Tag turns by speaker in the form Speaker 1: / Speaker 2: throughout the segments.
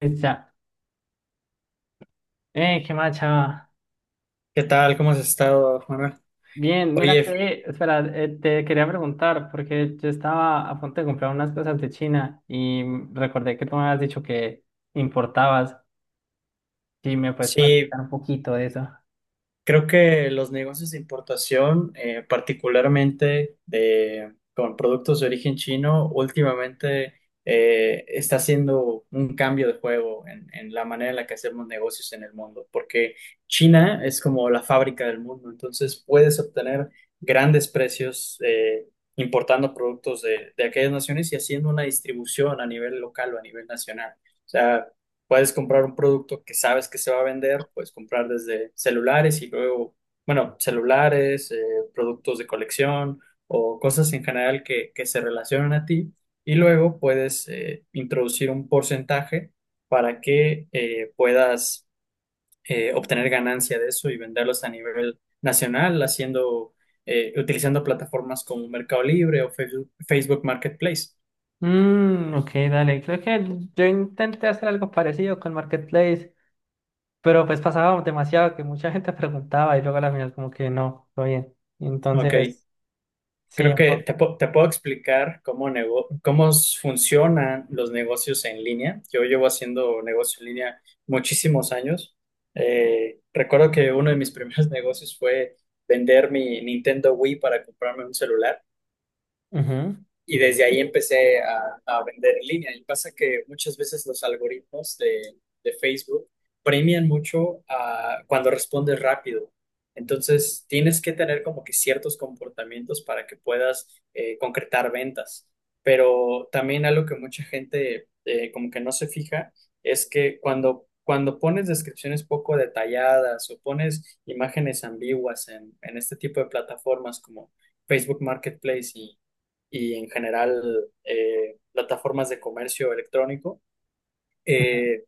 Speaker 1: Ya. Qué macha.
Speaker 2: ¿Qué tal? ¿Cómo has estado, Juana?
Speaker 1: Bien, mira
Speaker 2: Oye,
Speaker 1: que, espera, te quería preguntar, porque yo estaba a punto de comprar unas cosas de China y recordé que tú me habías dicho que importabas. Si me puedes
Speaker 2: sí,
Speaker 1: platicar un poquito de eso.
Speaker 2: creo que los negocios de importación, particularmente de, con productos de origen chino, últimamente está haciendo un cambio de juego en la manera en la que hacemos negocios en el mundo, porque China es como la fábrica del mundo, entonces puedes obtener grandes precios importando productos de aquellas naciones y haciendo una distribución a nivel local o a nivel nacional. O sea, puedes comprar un producto que sabes que se va a vender, puedes comprar desde celulares y luego, bueno, celulares, productos de colección o cosas en general que se relacionan a ti y luego puedes introducir un porcentaje para que puedas obtener ganancia de eso y venderlos a nivel nacional haciendo, utilizando plataformas como Mercado Libre o Facebook Marketplace.
Speaker 1: Mm, ok, dale. Creo que yo intenté hacer algo parecido con Marketplace, pero pues pasaba demasiado que mucha gente preguntaba y luego a la final como que no, todo bien.
Speaker 2: Ok,
Speaker 1: Entonces, sí.
Speaker 2: creo que te, te puedo explicar cómo, cómo funcionan los negocios en línea. Yo llevo haciendo negocio en línea muchísimos años. Recuerdo que uno de mis primeros negocios fue vender mi Nintendo Wii para comprarme un celular.
Speaker 1: Ujú,
Speaker 2: Y desde ahí empecé a vender en línea. Y pasa que muchas veces los algoritmos de Facebook premian mucho a cuando respondes rápido. Entonces, tienes que tener como que ciertos comportamientos para que puedas concretar ventas. Pero también algo que mucha gente como que no se fija es que cuando pones descripciones poco detalladas o pones imágenes ambiguas en este tipo de plataformas como Facebook Marketplace y en general plataformas de comercio electrónico,
Speaker 1: ujú.
Speaker 2: eh,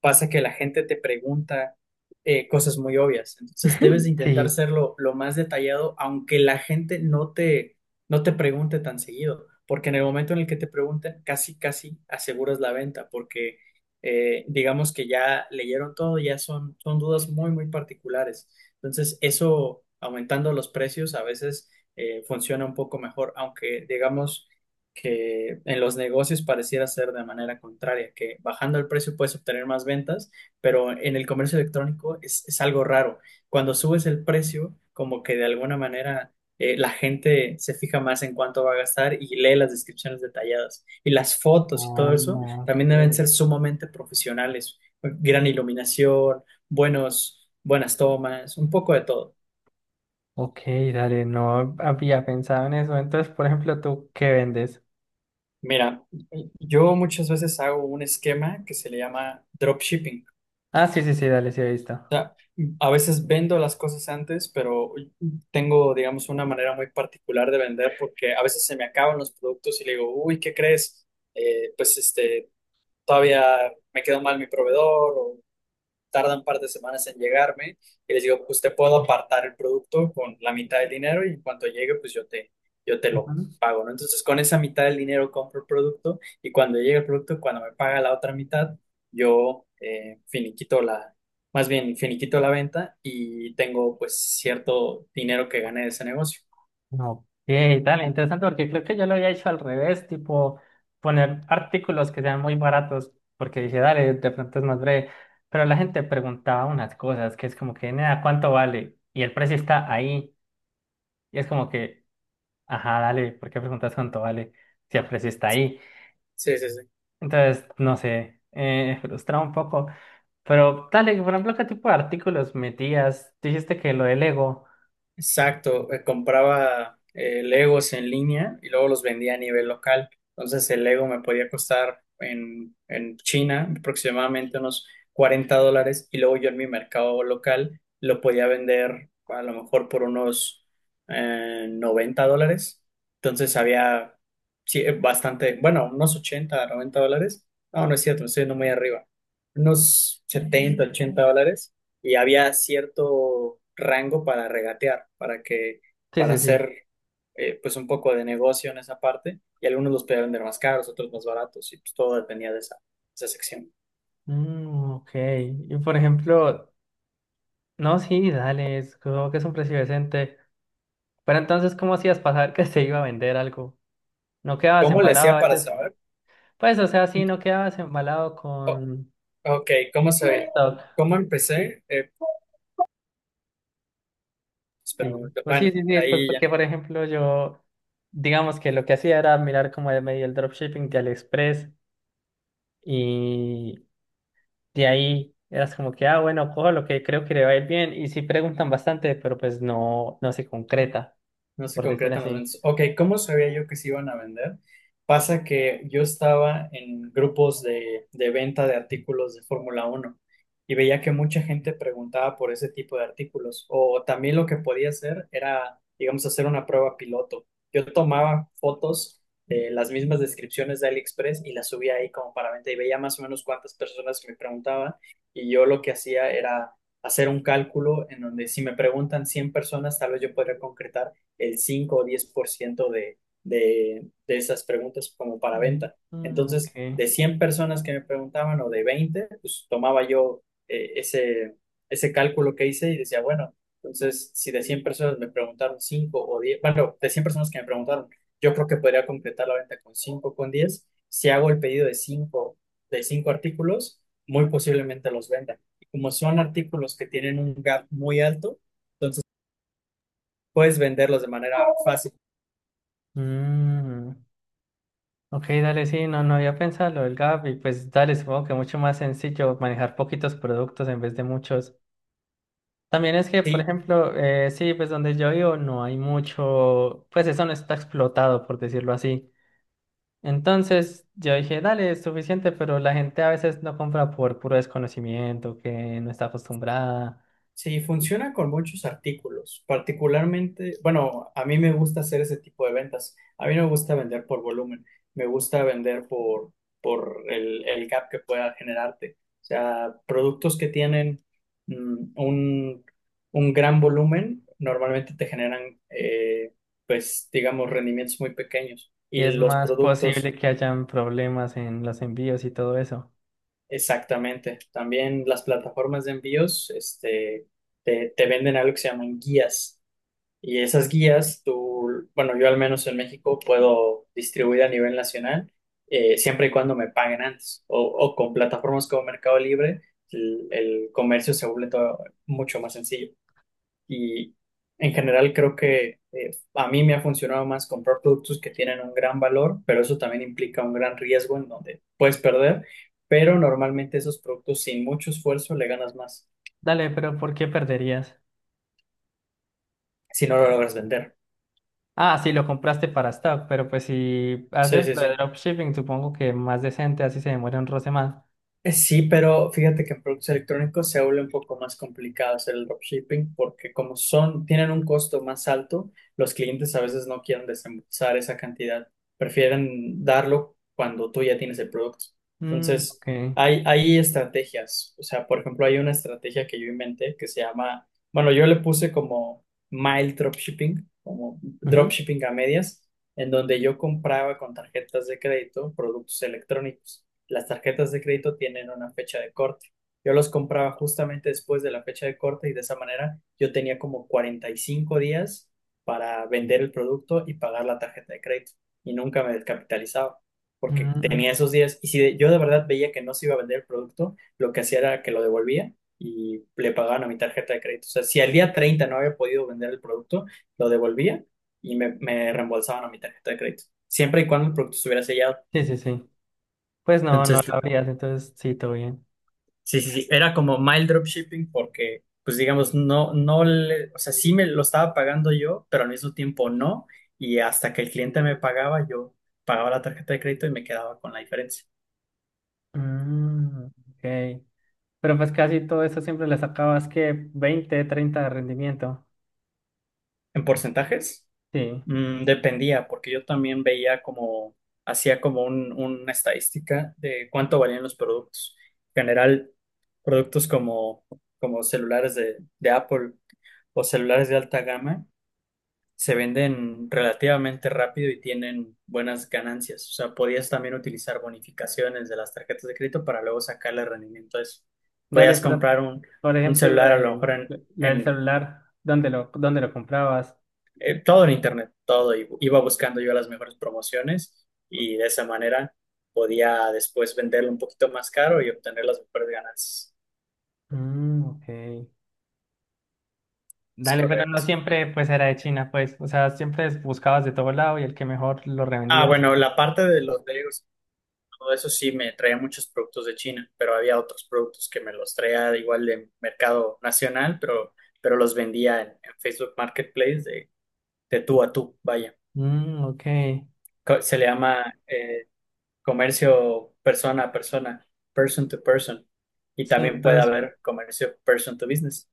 Speaker 2: pasa que la gente te pregunta cosas muy obvias. Entonces debes de intentar
Speaker 1: Sí.
Speaker 2: serlo lo más detallado, aunque la gente no te pregunte tan seguido, porque en el momento en el que te pregunten, casi, casi aseguras la venta, porque digamos que ya leyeron todo, ya son dudas muy, muy particulares. Entonces eso, aumentando los precios, a veces funciona un poco mejor, aunque digamos que en los negocios pareciera ser de manera contraria, que bajando el precio puedes obtener más ventas, pero en el comercio electrónico es algo raro. Cuando subes el precio, como que de alguna manera la gente se fija más en cuánto va a gastar y lee las descripciones detalladas. Y las fotos y
Speaker 1: Ah,
Speaker 2: todo eso
Speaker 1: ok.
Speaker 2: también deben ser sumamente profesionales, gran iluminación, buenos, buenas tomas, un poco de todo.
Speaker 1: Ok, dale, no había pensado en eso. Entonces, por ejemplo, ¿tú qué vendes?
Speaker 2: Mira, yo muchas veces hago un esquema que se le llama dropshipping.
Speaker 1: Ah, sí, sí, sí, dale, sí, he visto.
Speaker 2: A veces vendo las cosas antes, pero tengo, digamos, una manera muy particular de vender porque a veces se me acaban los productos y le digo, uy, ¿qué crees? Pues este, todavía me quedó mal mi proveedor, tarda un par de semanas en llegarme, y les digo, pues te puedo apartar el producto con la mitad del dinero y en cuanto llegue, pues yo te lo
Speaker 1: Ujú.
Speaker 2: pago, ¿no? Entonces con esa mitad del dinero compro el producto y cuando llega el producto, cuando me paga la otra mitad, yo finiquito la, más bien finiquito la venta y tengo pues cierto dinero que gané de ese negocio.
Speaker 1: Ok, dale, interesante porque creo que yo lo había hecho al revés, tipo poner artículos que sean muy baratos, porque dije, dale, de pronto es más breve. Pero la gente preguntaba unas cosas que es como que, nada, ¿cuánto vale? Y el precio está ahí. Y es como que, ajá, dale, ¿por qué preguntas cuánto vale si el precio está ahí?
Speaker 2: Sí, sí, sí.
Speaker 1: Entonces, no sé, frustrado un poco. Pero dale, por ejemplo, ¿qué tipo de artículos metías? Dijiste que lo del ego.
Speaker 2: Exacto, compraba Legos en línea y luego los vendía a nivel local. Entonces el Lego me podía costar en, China aproximadamente unos $40 y luego yo en mi mercado local lo podía vender a lo mejor por unos $90. Entonces había sí, bastante, bueno, unos 80, $90. No, no es cierto, me estoy yendo muy arriba. Unos 70, $80, y había cierto rango para regatear, para que,
Speaker 1: Sí,
Speaker 2: para
Speaker 1: sí, sí.
Speaker 2: hacer pues un poco de negocio en esa parte, y algunos los podían vender más caros, otros más baratos, y pues todo dependía de esa, esa sección.
Speaker 1: Mm, ok. Y por ejemplo, no, sí, dale, creo que es un precio decente. Pero entonces, ¿cómo hacías pasar que se iba a vender algo? ¿No quedabas
Speaker 2: ¿Cómo le
Speaker 1: embalado
Speaker 2: hacía
Speaker 1: a
Speaker 2: para
Speaker 1: veces?
Speaker 2: saber?
Speaker 1: Pues, o sea, sí, no quedabas embalado
Speaker 2: O- ok, ¿cómo
Speaker 1: con
Speaker 2: se,
Speaker 1: stock.
Speaker 2: cómo empecé? Espera un
Speaker 1: Sí,
Speaker 2: momento.
Speaker 1: pues
Speaker 2: Bueno,
Speaker 1: sí, sí, sí, pues
Speaker 2: ahí ya.
Speaker 1: porque, por ejemplo, yo, digamos que lo que hacía era mirar como de medio el dropshipping de AliExpress y de ahí eras como que, ah, bueno, cojo lo que creo que le va a ir bien. Y sí preguntan bastante, pero pues no, no se concreta,
Speaker 2: No se
Speaker 1: por decir
Speaker 2: concretan los
Speaker 1: así.
Speaker 2: ventas. Ok, ¿cómo sabía yo que se iban a vender? Pasa que yo estaba en grupos de venta de artículos de Fórmula uno y veía que mucha gente preguntaba por ese tipo de artículos. O también lo que podía hacer era, digamos, hacer una prueba piloto. Yo tomaba fotos de las mismas descripciones de AliExpress y las subía ahí como para venta y veía más o menos cuántas personas me preguntaban y yo lo que hacía era hacer un cálculo en donde si me preguntan 100 personas, tal vez yo podría concretar el 5 o 10% de esas preguntas como para venta.
Speaker 1: Mm, ok.
Speaker 2: Entonces, de 100 personas que me preguntaban o de 20, pues tomaba yo ese, ese cálculo que hice y decía, bueno, entonces si de 100 personas me preguntaron 5 o diez, bueno, de 100 personas que me preguntaron, yo creo que podría completar la venta con cinco, con diez. Si hago el pedido de cinco, de 5 artículos, muy posiblemente los venda. Y como son artículos que tienen un gap muy alto, puedes venderlos de manera fácil.
Speaker 1: Mm, ok, dale, sí, no, no había pensado lo del gap y pues dale, supongo que mucho más sencillo manejar poquitos productos en vez de muchos. También es que, por
Speaker 2: Sí,
Speaker 1: ejemplo, sí, pues donde yo vivo no hay mucho, pues eso no está explotado, por decirlo así. Entonces yo dije, dale, es suficiente, pero la gente a veces no compra por puro desconocimiento, que no está acostumbrada,
Speaker 2: sí, funciona con muchos artículos, particularmente, bueno, a mí me gusta hacer ese tipo de ventas. A mí no me gusta vender por volumen, me gusta vender por, el gap que pueda generarte. O sea, productos que tienen mm, un, un gran volumen normalmente te generan, pues, digamos, rendimientos muy pequeños.
Speaker 1: y
Speaker 2: Y
Speaker 1: es
Speaker 2: los
Speaker 1: más posible
Speaker 2: productos,
Speaker 1: que hayan problemas en los envíos y todo eso.
Speaker 2: exactamente. También las plataformas de envíos, este, te venden algo que se llaman guías. Y esas guías, tú, bueno, yo al menos en México puedo distribuir a nivel nacional, siempre y cuando me paguen antes, o con plataformas como Mercado Libre, el comercio se vuelve todo mucho más sencillo. Y en general creo que a mí me ha funcionado más comprar productos que tienen un gran valor, pero eso también implica un gran riesgo en donde puedes perder, pero normalmente esos productos sin mucho esfuerzo le ganas más
Speaker 1: Dale, pero ¿por qué perderías?
Speaker 2: si no lo logras vender.
Speaker 1: Ah, sí, lo compraste para stock, pero pues si
Speaker 2: Sí,
Speaker 1: haces
Speaker 2: sí,
Speaker 1: lo de
Speaker 2: sí.
Speaker 1: dropshipping, supongo que más decente, así se demora un roce más.
Speaker 2: Sí, pero fíjate que en productos electrónicos se vuelve un poco más complicado hacer el dropshipping porque como son, tienen un costo más alto, los clientes a veces no quieren desembolsar esa cantidad, prefieren darlo cuando tú ya tienes el producto.
Speaker 1: Mm,
Speaker 2: Entonces,
Speaker 1: ok.
Speaker 2: hay estrategias, o sea, por ejemplo, hay una estrategia que yo inventé que se llama, bueno, yo le puse como mild dropshipping, como
Speaker 1: Ujú.
Speaker 2: dropshipping a medias, en donde yo compraba con tarjetas de crédito productos electrónicos. Las tarjetas de crédito tienen una fecha de corte. Yo los compraba justamente después de la fecha de corte y de esa manera yo tenía como 45 días para vender el producto y pagar la tarjeta de crédito y nunca me descapitalizaba
Speaker 1: Mm,
Speaker 2: porque tenía
Speaker 1: mm,
Speaker 2: esos días y si yo de verdad veía que no se iba a vender el producto, lo que hacía era que lo devolvía y le pagaban a mi tarjeta de crédito. O sea, si al día 30 no había podido vender el producto, lo devolvía y me reembolsaban a mi tarjeta de crédito, siempre y cuando el producto estuviera sellado.
Speaker 1: sí, sí, sí. Pues no, no lo
Speaker 2: Entonces,
Speaker 1: habrías, entonces sí, todo bien.
Speaker 2: sí, sí, sí, era como mild dropshipping porque, pues digamos, no, no le, o sea, sí me lo estaba pagando yo, pero al mismo tiempo no, y hasta que el cliente me pagaba, yo pagaba la tarjeta de crédito y me quedaba con la diferencia.
Speaker 1: Mm, ok. Pero pues casi todo eso siempre le sacabas que 20-30 de rendimiento.
Speaker 2: En porcentajes,
Speaker 1: Sí.
Speaker 2: mm, dependía, porque yo también veía como, hacía como una estadística de cuánto valían los productos. En general, productos como, como celulares de Apple o celulares de alta gama se venden relativamente rápido y tienen buenas ganancias. O sea, podías también utilizar bonificaciones de las tarjetas de crédito para luego sacarle rendimiento a eso.
Speaker 1: Dale,
Speaker 2: Podías
Speaker 1: pero,
Speaker 2: comprar
Speaker 1: por
Speaker 2: un
Speaker 1: ejemplo,
Speaker 2: celular a lo mejor en,
Speaker 1: lo del celular, dónde lo comprabas?
Speaker 2: en todo en internet, todo. Y iba buscando yo las mejores promociones y de esa manera podía después venderlo un poquito más caro y obtener las mejores ganancias.
Speaker 1: Mm, ok.
Speaker 2: Es
Speaker 1: Dale, pero no
Speaker 2: correcto.
Speaker 1: siempre pues era de China, pues. O sea, siempre buscabas de todo lado y el que mejor lo
Speaker 2: Ah,
Speaker 1: revendías.
Speaker 2: bueno, la parte de los legos. Todo eso sí me traía muchos productos de China, pero había otros productos que me los traía igual de mercado nacional, pero los vendía en Facebook Marketplace de tú a tú, vaya.
Speaker 1: Mm, ok.
Speaker 2: Se le llama comercio persona a persona, person to person. Y
Speaker 1: Sí,
Speaker 2: también puede
Speaker 1: entonces.
Speaker 2: haber comercio person to business.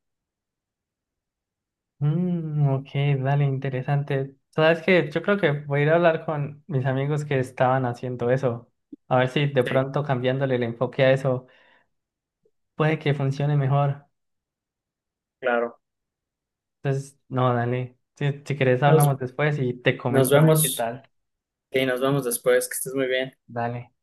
Speaker 1: Mm, ok, dale, interesante. Sabes que yo creo que voy a ir a hablar con mis amigos que estaban haciendo eso. A ver si de
Speaker 2: Sí,
Speaker 1: pronto cambiándole el enfoque a eso puede que funcione mejor.
Speaker 2: claro.
Speaker 1: Entonces, no, dale. Si, si querés
Speaker 2: Nos,
Speaker 1: hablamos después y te
Speaker 2: nos
Speaker 1: comento a ver qué
Speaker 2: vemos
Speaker 1: tal.
Speaker 2: y nos vemos después. Que estés muy bien.
Speaker 1: Dale.